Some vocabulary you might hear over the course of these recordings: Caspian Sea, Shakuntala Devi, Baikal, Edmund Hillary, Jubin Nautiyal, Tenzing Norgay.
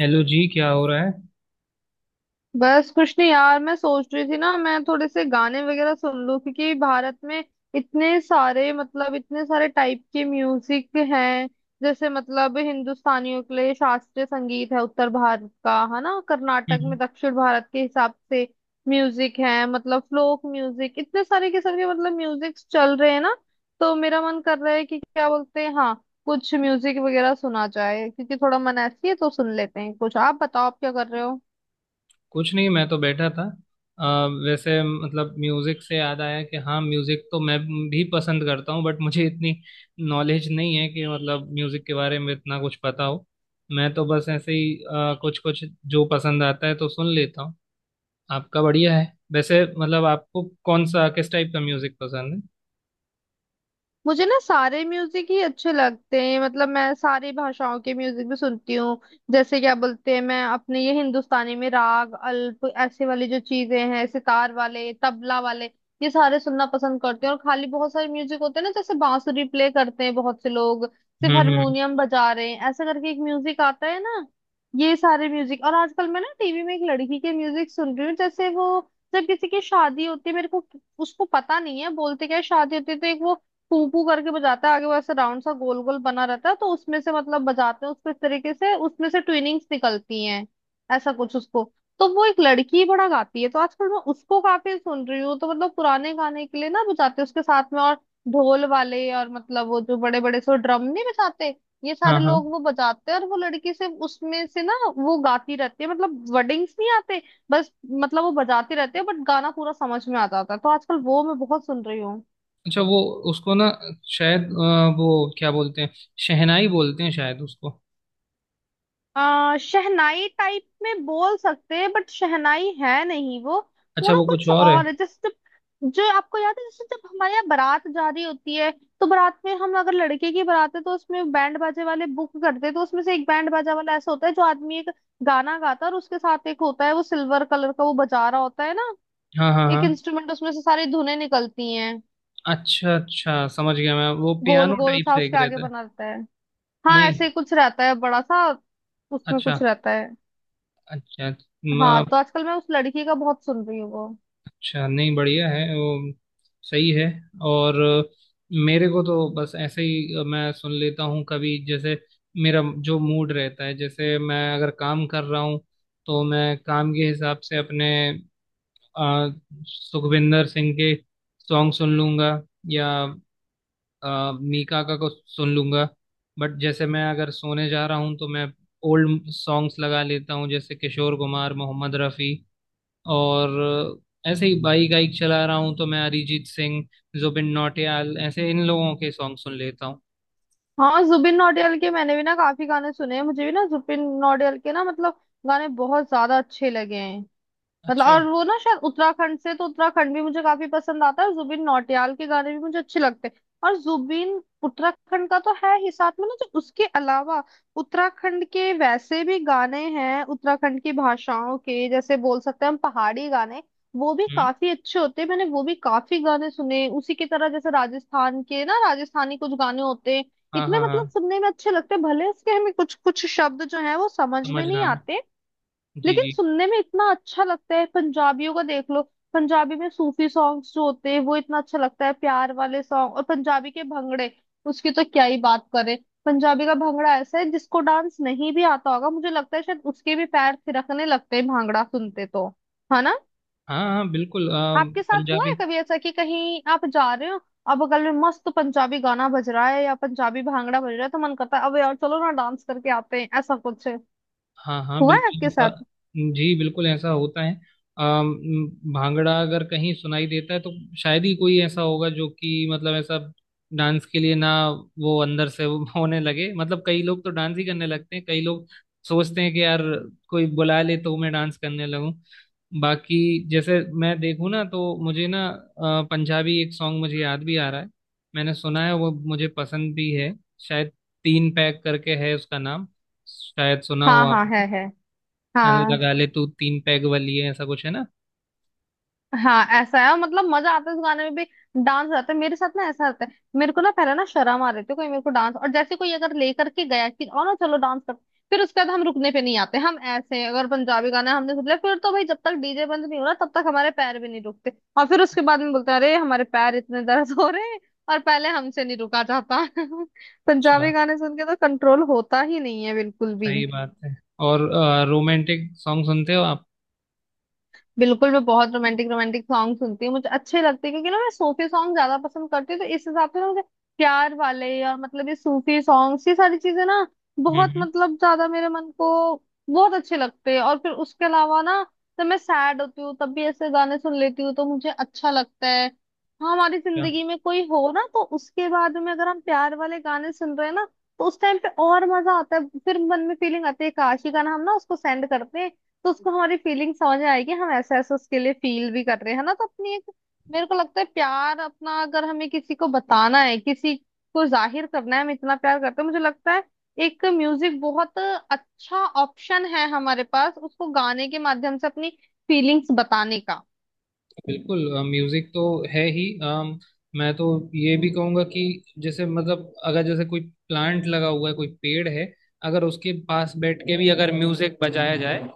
Hello जी, क्या हो रहा है। बस कुछ नहीं यार, मैं सोच रही थी ना, मैं थोड़े से गाने वगैरह सुन लूं, क्योंकि भारत में इतने सारे टाइप के म्यूजिक हैं। जैसे मतलब हिंदुस्तानियों के लिए शास्त्रीय संगीत है, उत्तर भारत का है ना, कर्नाटक में हम्म। दक्षिण भारत के हिसाब से म्यूजिक है, मतलब फ्लोक म्यूजिक, इतने सारे किस्म के मतलब म्यूजिक चल रहे हैं ना। तो मेरा मन कर रहा है कि क्या बोलते हैं हाँ, कुछ म्यूजिक वगैरह सुना जाए, क्योंकि थोड़ा मन ऐसी है तो सुन लेते हैं कुछ। आप बताओ, आप क्या कर रहे हो। कुछ नहीं, मैं तो बैठा था। अ, वैसे मतलब म्यूजिक से याद आया कि हाँ, म्यूजिक तो मैं भी पसंद करता हूँ, बट मुझे इतनी नॉलेज नहीं है कि मतलब म्यूजिक के बारे में इतना कुछ पता हो। मैं तो बस ऐसे ही कुछ कुछ जो पसंद आता है तो सुन लेता हूँ। आपका बढ़िया है। वैसे मतलब आपको कौन सा किस टाइप का म्यूजिक पसंद है। मुझे ना सारे म्यूजिक ही अच्छे लगते हैं, मतलब मैं सारी भाषाओं के म्यूजिक भी सुनती हूँ। जैसे क्या बोलते हैं, मैं अपने ये हिंदुस्तानी में राग अल्प ऐसे वाली जो चीजें हैं, सितार वाले, तबला वाले, ये सारे सुनना पसंद करते हैं। और खाली बहुत सारे म्यूजिक होते हैं ना, जैसे बांसुरी प्ले करते हैं बहुत से लोग, सिर्फ हम्म। हारमोनियम बजा रहे हैं, ऐसे करके एक म्यूजिक आता है ना, ये सारे म्यूजिक। और आजकल मैं ना टीवी में एक लड़की के म्यूजिक सुन रही हूँ। जैसे वो जब किसी की शादी होती है, मेरे को उसको पता नहीं है बोलते क्या है, शादी होती है तो एक वो पू करके बजाता है आगे, वैसे राउंड सा गोल गोल बना रहता है तो उसमें से मतलब बजाते हैं उसको इस तरीके से, उसमें से ट्विनिंग्स निकलती हैं ऐसा कुछ उसको। तो वो एक लड़की बड़ा गाती है, तो आजकल मैं उसको काफी सुन रही हूँ। तो मतलब पुराने गाने के लिए ना बजाते हैं उसके साथ में, और ढोल वाले, और मतलब वो जो बड़े बड़े से ड्रम नहीं बजाते, ये सारे हाँ हाँ। लोग वो बजाते हैं, और वो लड़की से उसमें से ना वो गाती रहती है, मतलब वर्डिंग्स नहीं आते बस, मतलब वो बजाती रहती है, बट गाना पूरा समझ में आ जाता है। तो आजकल वो मैं बहुत सुन रही हूँ। अच्छा, वो उसको ना शायद वो क्या बोलते हैं, शहनाई बोलते हैं शायद उसको। शहनाई टाइप में बोल सकते हैं, बट शहनाई है नहीं वो। वो अच्छा, ना वो कुछ कुछ और है। और है। जैसे जब जो आपको याद है, जैसे जब हमारे यहाँ बारात जा रही होती है, तो बारात में, हम अगर लड़के की बारात है तो उसमें बैंड बाजे वाले बुक करते हैं, तो उसमें से एक बैंड बाजा वाला ऐसा होता है, जो आदमी एक गाना गाता है और उसके साथ एक होता है, वो सिल्वर कलर का वो बजा रहा होता है ना, हाँ हाँ हाँ। एक इंस्ट्रूमेंट, उसमें से सारी धुनें निकलती हैं। अच्छा अच्छा, समझ गया मैं, वो गोल पियानो गोल टाइप सा से एक उसके आगे रहता है। बना रहता है, हाँ नहीं। ऐसे कुछ रहता है बड़ा सा, उसमें अच्छा कुछ रहता है। अच्छा। हाँ, म- तो आजकल मैं उस लड़की का बहुत सुन रही हूँ वो। अच्छा, नहीं बढ़िया है वो। सही है। और मेरे को तो बस ऐसे ही मैं सुन लेता हूँ, कभी जैसे मेरा जो मूड रहता है। जैसे मैं अगर काम कर रहा हूँ तो मैं काम के हिसाब से अपने अ, सुखविंदर सिंह के सॉन्ग सुन लूंगा, या मीका का को सुन लूंगा। बट जैसे मैं अगर सोने जा रहा हूँ तो मैं ओल्ड सॉन्ग्स लगा लेता हूँ जैसे किशोर कुमार, मोहम्मद रफ़ी। और ऐसे ही बाइक वाइक चला रहा हूँ तो मैं अरिजीत सिंह, जुबिन नौटियाल ऐसे इन लोगों के सॉन्ग सुन लेता हूँ। हाँ, जुबिन नौटियाल के मैंने भी ना काफी गाने सुने हैं, मुझे भी ना जुबिन नौटियाल के ना मतलब गाने बहुत ज्यादा अच्छे लगे हैं। मतलब, अच्छा। और वो ना शायद उत्तराखंड से, तो उत्तराखंड भी मुझे काफी पसंद आता है, जुबिन नौटियाल के गाने भी मुझे अच्छे लगते हैं, और जुबिन उत्तराखंड का तो है ही साथ में ना। जो उसके अलावा उत्तराखंड के वैसे भी गाने हैं, उत्तराखंड की भाषाओं के, जैसे बोल सकते हैं हम पहाड़ी गाने, वो भी हम्म। काफी अच्छे होते हैं, मैंने वो भी काफी गाने सुने। उसी की तरह जैसे राजस्थान के ना, राजस्थानी कुछ गाने होते हैं, हाँ इतने हाँ मतलब हाँ। सुनने में अच्छे लगते हैं, भले उसके हमें कुछ कुछ शब्द जो है वो समझ में नहीं समझना है। आते, जी लेकिन जी। सुनने में इतना अच्छा लगता है। पंजाबियों का देख लो, पंजाबी में सूफी सॉन्ग्स जो होते हैं वो इतना अच्छा लगता है, प्यार वाले सॉन्ग, और पंजाबी के भंगड़े, उसकी तो क्या ही बात करें। पंजाबी का भंगड़ा ऐसा है जिसको डांस नहीं भी आता होगा, मुझे लगता है शायद उसके भी पैर थिरकने लगते हैं भांगड़ा सुनते, तो है ना। हाँ हाँ हाँ, बिल्कुल। आपके साथ हुआ है पंजाबी। कभी ऐसा, कि कहीं आप जा रहे हो, अब बगल में मस्त पंजाबी गाना बज रहा है या पंजाबी भांगड़ा बज रहा है, तो मन करता है अब यार चलो ना डांस करके आते हैं, ऐसा कुछ हाँ हाँ, हुआ है बिल्कुल आपके ऐसा। साथ? जी, बिल्कुल ऐसा होता है। भांगड़ा अगर कहीं सुनाई देता है तो शायद ही कोई ऐसा होगा जो कि मतलब ऐसा डांस के लिए ना वो अंदर से वो होने लगे। मतलब कई लोग तो डांस ही करने लगते हैं, कई लोग सोचते हैं कि यार कोई बुला ले तो मैं डांस करने लगूं। बाकी जैसे मैं देखूं ना तो मुझे ना पंजाबी एक सॉन्ग मुझे याद भी आ रहा है, मैंने सुना है, वो मुझे पसंद भी है। शायद तीन पैक करके है उसका नाम, शायद सुना हो हाँ आप। हाँ, है, नल हाँ। लगा ले तू तीन पैग वाली है, ऐसा कुछ है ना। हाँ ऐसा है, और मतलब मजा आता है उस गाने में भी। डांस आता है मेरे साथ ना, ऐसा आता है। मेरे को ना पहले ना शर्म आ रही थी, कोई मेरे को डांस, और जैसे कोई अगर लेकर के गया कि और ना चलो डांस कर, फिर उसके बाद हम रुकने पे नहीं आते, हम ऐसे हैं। अगर पंजाबी गाना हमने सुन लिया फिर, तो भाई जब तक डीजे बंद नहीं हो रहा तब तक हमारे पैर भी नहीं रुकते। और फिर उसके बाद में बोलते हैं, अरे हमारे पैर इतने दर्द हो रहे हैं, और पहले हमसे नहीं रुका जाता। अच्छा। पंजाबी गाने सुन के तो कंट्रोल होता ही नहीं है बिल्कुल भी। सही बात है। और रोमांटिक सॉन्ग सुनते हो आप। बिल्कुल, मैं बहुत रोमांटिक रोमांटिक सॉन्ग सुनती हूँ, मुझे अच्छे लगते हैं, क्योंकि ना मैं सूफी सॉन्ग ज्यादा पसंद करती हूँ, तो इस हिसाब से ना मुझे प्यार वाले, और मतलब ये सूफी सॉन्ग्स, ये सारी चीजें ना हम्म बहुत हम्म, मतलब ज्यादा मेरे मन को बहुत अच्छे लगते हैं। और फिर उसके अलावा ना, जब मैं सैड होती हूँ तब भी ऐसे गाने सुन लेती हूँ, तो मुझे अच्छा लगता है। हाँ, हमारी अच्छा, जिंदगी में कोई हो ना, तो उसके बाद में अगर हम प्यार वाले गाने सुन रहे हैं ना, तो उस टाइम पे और मजा आता है, फिर मन में फीलिंग आती है काश ये गाना हम ना उसको सेंड करते हैं, तो उसको हमारी फीलिंग समझ आएगी, हम ऐसे ऐसे उसके लिए फील भी कर रहे हैं ना, तो अपनी एक, मेरे को लगता है प्यार अपना, अगर हमें किसी को बताना है, किसी को जाहिर करना है हम इतना प्यार करते हैं, मुझे लगता है एक म्यूजिक बहुत अच्छा ऑप्शन है हमारे पास, उसको गाने के माध्यम से अपनी फीलिंग्स बताने का। बिल्कुल म्यूजिक तो है ही। मैं तो ये भी कहूंगा कि जैसे मतलब अगर जैसे कोई प्लांट लगा हुआ है, कोई पेड़ है, अगर उसके पास बैठ के भी अगर म्यूजिक बजाया जाए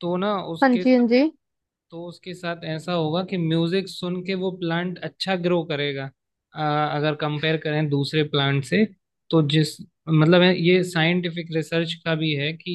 तो ना हाँ उसके जी, साथ, हाँ जी। तो उसके साथ ऐसा होगा कि म्यूजिक सुन के वो प्लांट अच्छा ग्रो करेगा। अ, अगर कंपेयर करें दूसरे प्लांट से, तो जिस मतलब है, ये साइंटिफिक रिसर्च का भी है कि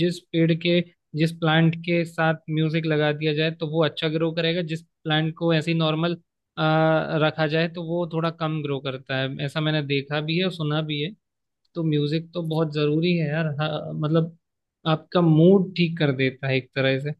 जिस पेड़ के जिस प्लांट के साथ म्यूजिक लगा दिया जाए तो वो अच्छा ग्रो करेगा, जिस प्लांट को ऐसे ही नॉर्मल रखा जाए तो वो थोड़ा कम ग्रो करता है। ऐसा मैंने देखा भी है और सुना भी है। तो म्यूजिक तो बहुत जरूरी है यार। हाँ, मतलब आपका मूड ठीक कर देता है एक तरह से।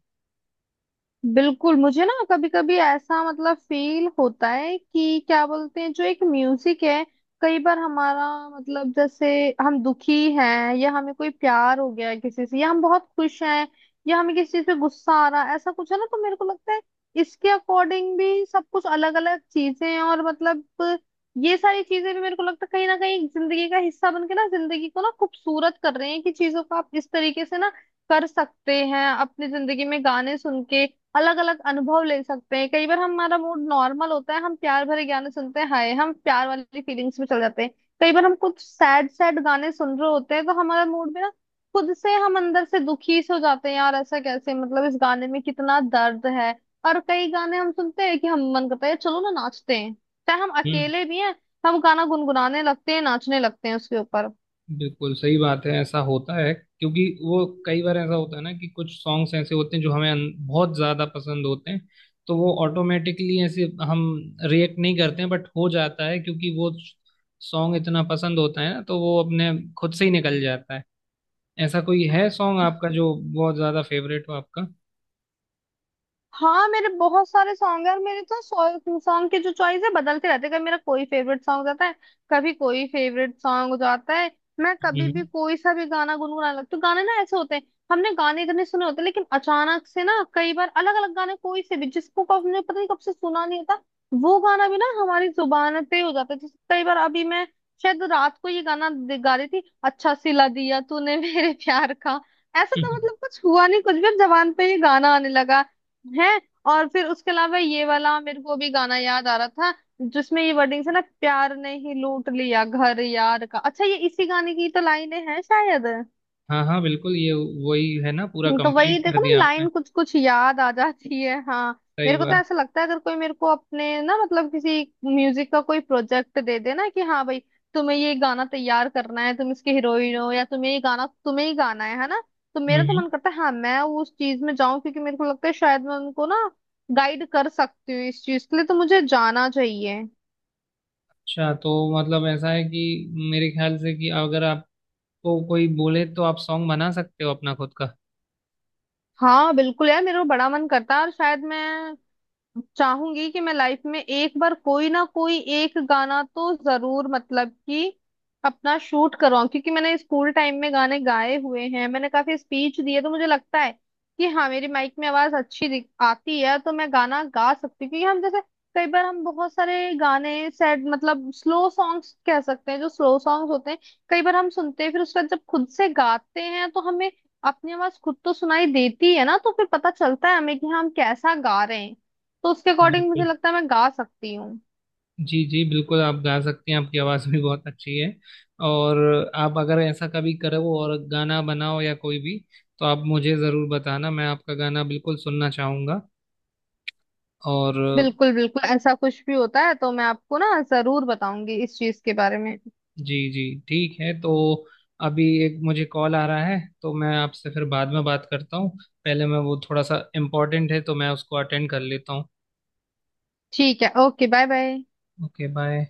बिल्कुल, मुझे ना कभी कभी ऐसा मतलब फील होता है कि क्या बोलते हैं, जो एक म्यूजिक है, कई बार हमारा मतलब, जैसे हम दुखी हैं, या हमें कोई प्यार हो गया है किसी से, या हम बहुत खुश हैं, या हमें किसी चीज पे गुस्सा आ रहा है, ऐसा कुछ है ना, तो मेरे को लगता है इसके अकॉर्डिंग भी सब कुछ अलग अलग चीजें हैं। और मतलब ये सारी चीजें भी मेरे को लगता है कहीं ना कहीं जिंदगी का हिस्सा बन के ना, जिंदगी को ना खूबसूरत कर रहे हैं, कि चीजों को आप इस तरीके से ना कर सकते हैं, अपनी जिंदगी में गाने सुन के अलग अलग अनुभव ले सकते हैं। कई बार हमारा मूड नॉर्मल होता है, हम प्यार भरे गाने सुनते हैं, हाय हम प्यार वाली फीलिंग्स में चले जाते हैं। कई बार हम कुछ सैड सैड गाने सुन रहे होते हैं, तो हमारा मूड भी ना खुद से हम अंदर से दुखी से हो जाते हैं, यार ऐसा कैसे, मतलब इस गाने में कितना दर्द है। और कई गाने हम सुनते हैं कि हम, मन करता है चलो ना नाचते हैं, चाहे हम हम्म। अकेले भी हैं, हम गाना गुनगुनाने लगते हैं, नाचने लगते हैं उसके ऊपर। बिल्कुल सही बात है, ऐसा होता है क्योंकि वो कई बार ऐसा होता है ना कि कुछ सॉन्ग्स ऐसे होते हैं जो हमें बहुत ज्यादा पसंद होते हैं, तो वो ऑटोमेटिकली ऐसे हम रिएक्ट नहीं करते हैं बट हो जाता है, क्योंकि वो सॉन्ग इतना पसंद होता है ना तो वो अपने खुद से ही निकल जाता है। ऐसा कोई है सॉन्ग आपका जो बहुत ज्यादा फेवरेट हो आपका। हाँ, मेरे बहुत सारे सॉन्ग है, और मेरे तो सॉन्ग के जो चॉइस है बदलते रहते हैं, कभी मेरा कोई फेवरेट सॉन्ग जाता है, कभी कोई फेवरेट सॉन्ग हो जाता है। मैं कभी भी हम्म। कोई सा भी गाना गुनगुनाने लगती हूँ, गाने ना ऐसे होते हैं, हमने गाने इतने सुने होते हैं, लेकिन अचानक से ना कई बार अलग अलग गाने कोई से भी, जिसको कब हमने, पता नहीं कब से सुना नहीं होता, वो गाना भी ना हमारी जुबान पे हो जाता है। जैसे कई बार अभी मैं शायद रात को ये गाना गा रही थी, अच्छा सिला दिया तूने मेरे प्यार का, ऐसा तो मतलब कुछ हुआ नहीं, कुछ भी अब जबान पे ये गाना आने लगा है। और फिर उसके अलावा ये वाला मेरे को भी गाना याद आ रहा था, जिसमें ये वर्डिंग है ना, प्यार ने ही लूट लिया घर यार का, अच्छा ये इसी गाने की तो लाइनें हैं शायद। हाँ हाँ, बिल्कुल ये वही है ना, पूरा तो वही कंप्लीट कर देखो ना, दिया आपने। लाइन कुछ कुछ याद आ जाती है, हाँ। सही मेरे को तो बात। ऐसा लगता है, अगर कोई मेरे को अपने ना मतलब किसी म्यूजिक का कोई प्रोजेक्ट दे दे ना, कि हाँ भाई तुम्हें ये गाना तैयार करना है, तुम इसके हीरोइन हो, या तुम्हें ये गाना, तुम्हें ही गाना है ना, तो हम्म मेरा तो हम्म। मन करता है हाँ मैं उस चीज में जाऊं, क्योंकि मेरे को लगता है शायद मैं उनको ना गाइड कर सकती हूँ इस चीज के लिए, तो मुझे जाना चाहिए। अच्छा, तो मतलब ऐसा है कि मेरे ख्याल से कि अगर आपको कोई बोले तो आप सॉन्ग बना सकते हो अपना खुद का। हाँ बिल्कुल यार, मेरा बड़ा मन करता है, और शायद मैं चाहूंगी कि मैं लाइफ में एक बार कोई ना कोई एक गाना तो जरूर मतलब कि अपना शूट करवाऊं, क्योंकि मैंने स्कूल टाइम में गाने गाए हुए हैं, मैंने काफी स्पीच दिए, तो मुझे लगता है कि हाँ मेरी माइक में आवाज अच्छी आती है, तो मैं गाना गा सकती हूँ। क्योंकि हम जैसे, कई बार हम बहुत सारे गाने सैड मतलब स्लो सॉन्ग्स कह सकते हैं, जो स्लो सॉन्ग्स होते हैं, कई बार हम सुनते हैं, फिर उसके बाद जब खुद से गाते हैं तो हमें अपनी आवाज खुद तो सुनाई देती है ना, तो फिर पता चलता है हमें कि हाँ, हम कैसा गा रहे हैं, तो उसके अकॉर्डिंग मुझे बिल्कुल। लगता है मैं गा सकती हूँ। जी जी, बिल्कुल आप गा सकती हैं, आपकी आवाज़ भी बहुत अच्छी है। और आप अगर ऐसा कभी करो और गाना बनाओ या कोई भी, तो आप मुझे ज़रूर बताना, मैं आपका गाना बिल्कुल सुनना चाहूँगा। और बिल्कुल बिल्कुल, ऐसा कुछ भी होता है तो मैं आपको ना जरूर बताऊंगी इस चीज के बारे में। जी जी, ठीक है। तो अभी एक मुझे कॉल आ रहा है तो मैं आपसे फिर बाद में बात करता हूँ, पहले मैं वो थोड़ा सा इम्पोर्टेंट है तो मैं उसको अटेंड कर लेता हूँ। ठीक है, okay, bye bye. Okay, bye.